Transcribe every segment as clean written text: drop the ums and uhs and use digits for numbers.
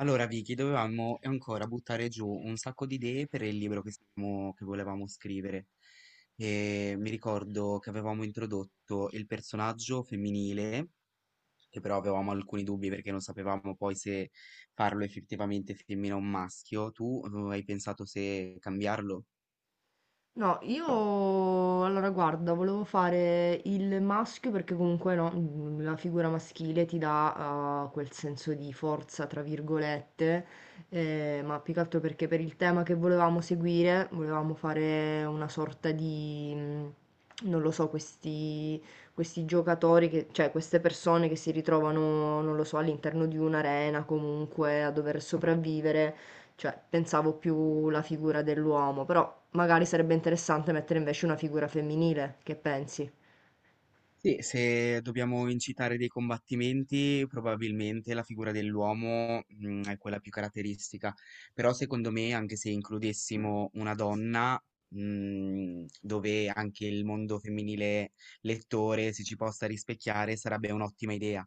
Allora, Vicky, dovevamo ancora buttare giù un sacco di idee per il libro che volevamo scrivere. E mi ricordo che avevamo introdotto il personaggio femminile, che però avevamo alcuni dubbi perché non sapevamo poi se farlo effettivamente femmina o maschio. Tu hai pensato se cambiarlo? No, io allora guarda, volevo fare il maschio perché comunque no, la figura maschile ti dà quel senso di forza, tra virgolette, ma più che altro perché per il tema che volevamo seguire, volevamo fare una sorta di, non lo so, questi giocatori, cioè queste persone che si ritrovano, non lo so, all'interno di un'arena comunque a dover sopravvivere, cioè pensavo più la figura dell'uomo, però magari sarebbe interessante mettere invece una figura femminile, che pensi? Se dobbiamo incitare dei combattimenti, probabilmente la figura dell'uomo, è quella più caratteristica, però secondo me anche se includessimo una donna, dove anche il mondo femminile lettore si ci possa rispecchiare, sarebbe un'ottima idea.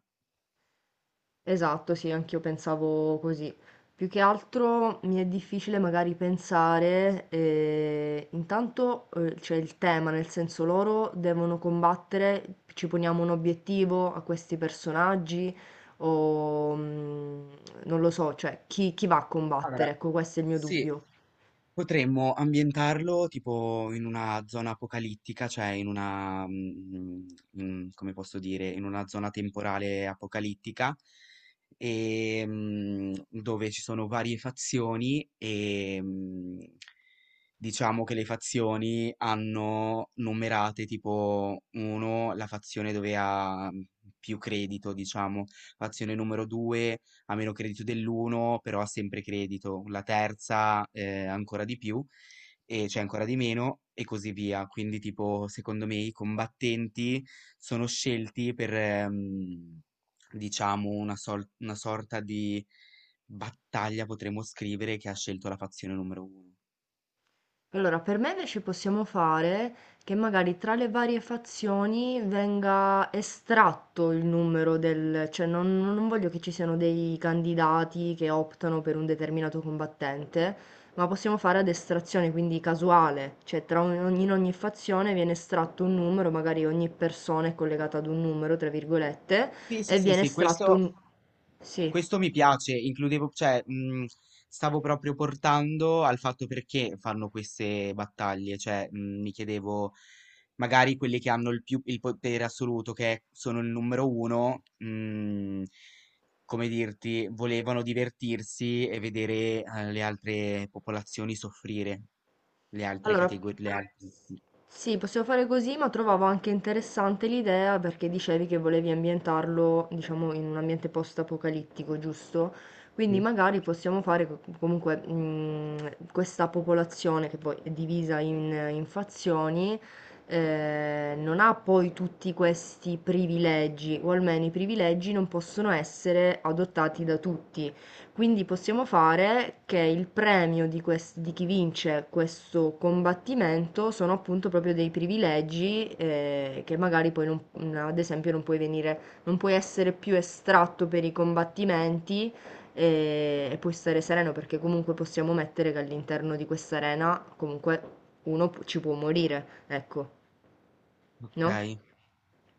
Esatto, sì, anch'io pensavo così. Più che altro mi è difficile magari pensare, intanto c'è il tema, nel senso loro devono combattere, ci poniamo un obiettivo a questi personaggi o mm, non lo so, cioè chi va a Allora, combattere? Ecco, questo è il mio sì, dubbio. potremmo ambientarlo tipo in una zona apocalittica, cioè in come posso dire, in una zona temporale apocalittica, e dove ci sono varie fazioni e diciamo che le fazioni hanno numerate tipo 1, la fazione dove ha più credito, diciamo, fazione numero 2 ha meno credito dell'uno, però ha sempre credito, la terza ancora di più, e c'è ancora di meno, e così via. Quindi, tipo, secondo me i combattenti sono scelti per, diciamo, una sorta di battaglia, potremmo scrivere, che ha scelto la fazione numero uno. Allora, per me invece possiamo fare che magari tra le varie fazioni venga estratto il numero del, cioè non voglio che ci siano dei candidati che optano per un determinato combattente, ma possiamo fare ad estrazione, quindi casuale, cioè in ogni fazione viene estratto un numero, magari ogni persona è collegata ad un numero, tra virgolette, Sì, sì, e sì, viene sì, estratto questo un... Sì. questo mi piace, includevo, cioè, stavo proprio portando al fatto perché fanno queste battaglie, cioè, mi chiedevo, magari quelli che hanno il più, il potere assoluto, sono il numero uno, come dirti, volevano divertirsi e vedere, le altre popolazioni soffrire, le altre Allora, categorie, le altre... sì, possiamo fare così, ma trovavo anche interessante l'idea perché dicevi che volevi ambientarlo, diciamo, in un ambiente post-apocalittico, giusto? Quindi Sì. magari possiamo fare comunque questa popolazione che poi è divisa in fazioni, non ha poi tutti questi privilegi, o almeno i privilegi non possono essere adottati da tutti. Quindi possiamo fare che il premio di chi vince questo combattimento sono appunto proprio dei privilegi che magari poi non- n- ad esempio non puoi venire, non puoi essere più estratto per i combattimenti e puoi stare sereno perché comunque possiamo mettere che all'interno di questa arena comunque ci può morire, ecco, no? Ok.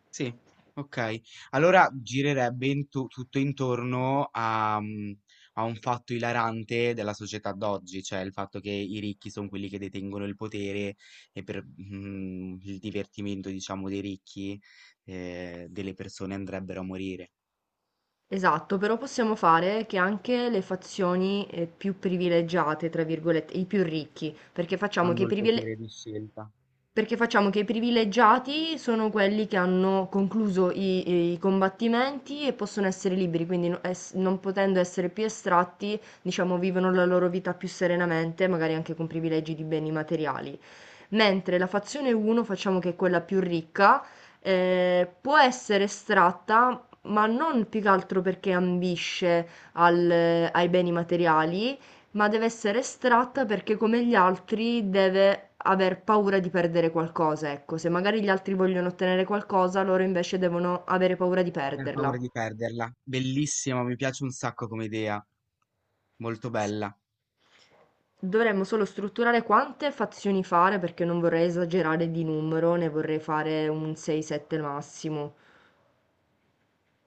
Sì, okay. Allora girerebbe intu tutto intorno a a un fatto ilarante della società d'oggi, cioè il fatto che i ricchi son quelli che detengono il potere e per, il divertimento diciamo dei ricchi, delle persone andrebbero a morire. Esatto, però possiamo fare che anche le fazioni, più "privilegiate", tra virgolette, i più ricchi, Hanno il potere di scelta, perché facciamo che i privilegiati sono quelli che hanno concluso i combattimenti e possono essere liberi, quindi no ess non potendo essere più estratti, diciamo, vivono la loro vita più serenamente, magari anche con privilegi di beni materiali, mentre la fazione 1, facciamo che è quella più ricca, può essere estratta, ma non più che altro perché ambisce ai beni materiali, ma deve essere estratta perché come gli altri deve aver paura di perdere qualcosa, ecco, se magari gli altri vogliono ottenere qualcosa, loro invece devono avere paura di ma per paura perderla. di perderla. Bellissima, mi piace un sacco come idea, molto S bella. Dovremmo solo strutturare quante fazioni fare, perché non vorrei esagerare di numero, ne vorrei fare un 6, 7 massimo,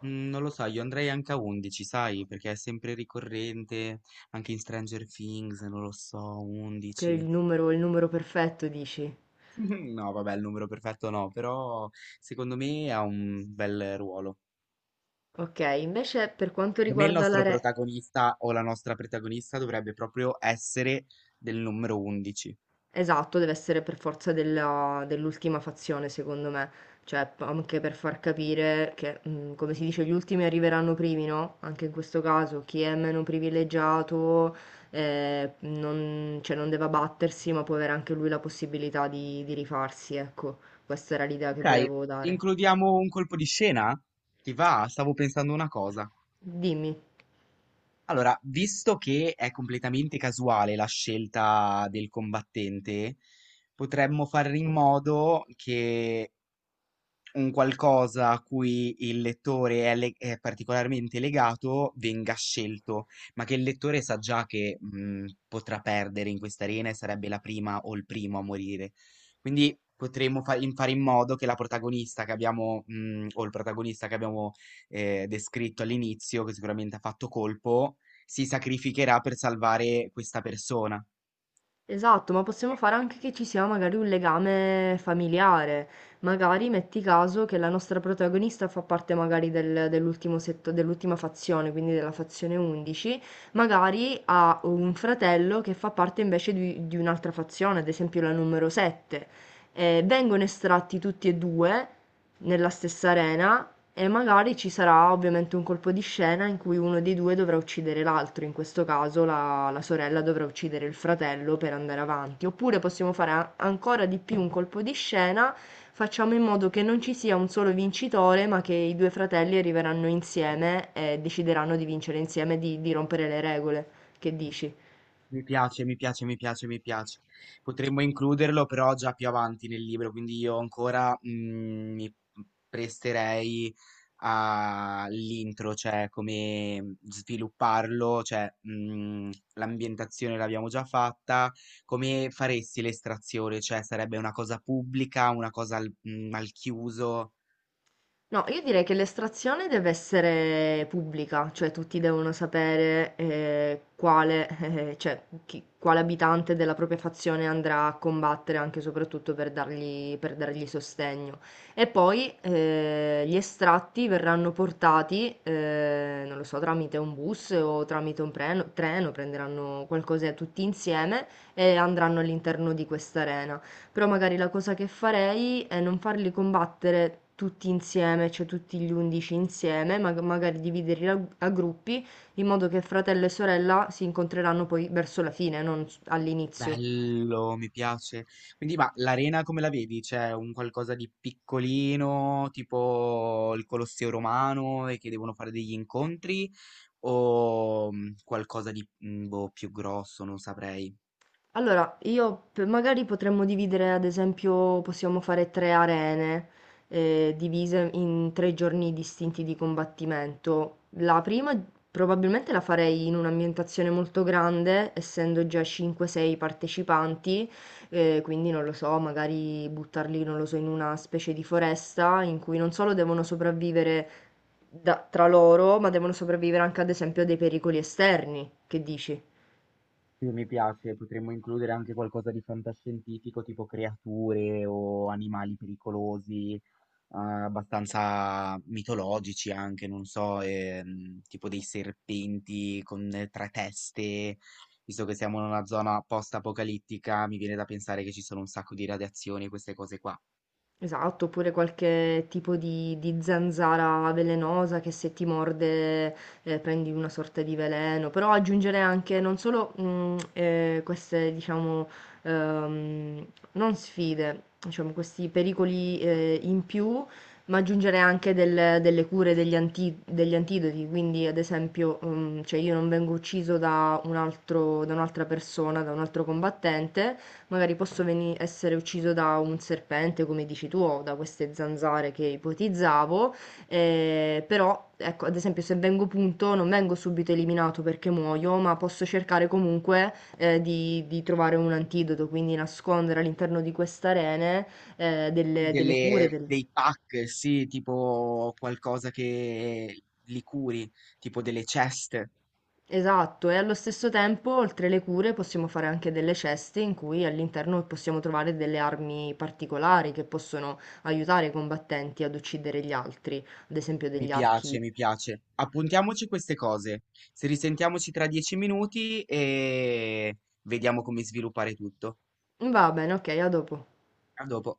Mm, non lo so, io andrei anche a 11, sai, perché è sempre ricorrente, anche in Stranger Things, non lo so, che è 11. Il numero perfetto dici. No, vabbè, il numero perfetto no, però secondo me ha un bel ruolo. Okay, invece per quanto Secondo me il riguarda la nostro re protagonista o la nostra protagonista dovrebbe proprio essere del numero 11. esatto, deve essere per forza dell'ultima fazione, secondo me. Cioè, anche per far capire che, come si dice, gli ultimi arriveranno primi, no? Anche in questo caso, chi è meno privilegiato, non, cioè, non deve abbattersi, ma può avere anche lui la possibilità di rifarsi, ecco. Questa era l'idea che Ok, volevo dare. includiamo un colpo di scena? Ti va? Stavo pensando una cosa. Dimmi. Allora, visto che è completamente casuale la scelta del combattente, potremmo fare in modo che un qualcosa a cui il lettore è, le- è particolarmente legato venga scelto, ma che il lettore sa già che potrà perdere in questa arena e sarebbe la prima o il primo a morire. Quindi fare in modo che la protagonista che abbiamo, o il protagonista che abbiamo descritto all'inizio, che sicuramente ha fatto colpo, si sacrificherà per salvare questa persona. Esatto, ma possiamo fare anche che ci sia magari un legame familiare. Magari metti caso che la nostra protagonista fa parte magari dell'ultima fazione, quindi della fazione 11, magari ha un fratello che fa parte invece di un'altra fazione, ad esempio la numero 7. Vengono estratti tutti e due nella stessa arena, e magari ci sarà ovviamente un colpo di scena in cui uno dei due dovrà uccidere l'altro, in questo caso la sorella dovrà uccidere il fratello per andare avanti. Oppure possiamo fare ancora di più un colpo di scena, facciamo in modo che non ci sia un solo vincitore, ma che i due fratelli arriveranno insieme e decideranno di vincere insieme, di rompere le regole. Che dici? Mi piace, mi piace, mi piace, mi piace. Potremmo includerlo però già più avanti nel libro, quindi io ancora mi presterei all'intro, cioè come svilupparlo, cioè l'ambientazione l'abbiamo già fatta, come faresti l'estrazione, cioè sarebbe una cosa pubblica, una cosa al chiuso. No, io direi che l'estrazione deve essere pubblica, cioè tutti devono sapere quale, cioè, quale abitante della propria fazione andrà a combattere, anche e soprattutto per dargli sostegno. E poi gli estratti verranno portati, non lo so, tramite un bus o tramite un treno, prenderanno qualcosa tutti insieme e andranno all'interno di questa arena. Però magari la cosa che farei è non farli combattere tutti insieme, cioè tutti gli 11 insieme, ma magari dividerli a gruppi, in modo che fratello e sorella si incontreranno poi verso la fine, non s- all'inizio. Bello, mi piace. Quindi, ma l'arena come la vedi? C'è un qualcosa di piccolino, tipo il Colosseo romano, e che devono fare degli incontri, o qualcosa di boh, più grosso, non saprei. Allora, io magari potremmo dividere, ad esempio, possiamo fare tre arene divise in tre giorni distinti di combattimento. La prima probabilmente la farei in un'ambientazione molto grande, essendo già 5-6 partecipanti, quindi non lo so, magari buttarli, non lo so, in una specie di foresta in cui non solo devono sopravvivere tra loro, ma devono sopravvivere anche, ad esempio, a dei pericoli esterni. Che dici? Sì, mi piace, potremmo includere anche qualcosa di fantascientifico, tipo creature o animali pericolosi. Abbastanza mitologici anche, non so, tipo dei serpenti con 3 teste. Visto che siamo in una zona post-apocalittica, mi viene da pensare che ci sono un sacco di radiazioni e queste cose qua. Esatto, oppure qualche tipo di zanzara velenosa che se ti morde prendi una sorta di veleno, però aggiungere anche non solo queste, diciamo, ehm, non sfide, diciamo, questi pericoli in più, ma aggiungere anche delle cure, degli antidoti, quindi ad esempio, cioè io non vengo ucciso da da un'altra persona, da un altro combattente, magari posso essere ucciso da un serpente, come dici tu, o da queste zanzare che ipotizzavo, però, ecco, ad esempio, se vengo punto, non vengo subito eliminato perché muoio, ma posso cercare comunque di trovare un antidoto, quindi nascondere all'interno di queste arene delle cure, Delle- dei pack, sì, tipo qualcosa che li curi, tipo delle ceste. esatto, e allo stesso tempo, oltre le cure, possiamo fare anche delle ceste in cui all'interno possiamo trovare delle armi particolari che possono aiutare i combattenti ad uccidere gli altri, ad esempio Mi degli piace, archi. mi piace. Appuntiamoci queste cose. Se risentiamoci tra 10 minuti e vediamo come sviluppare tutto. Va bene, ok, a dopo. A dopo.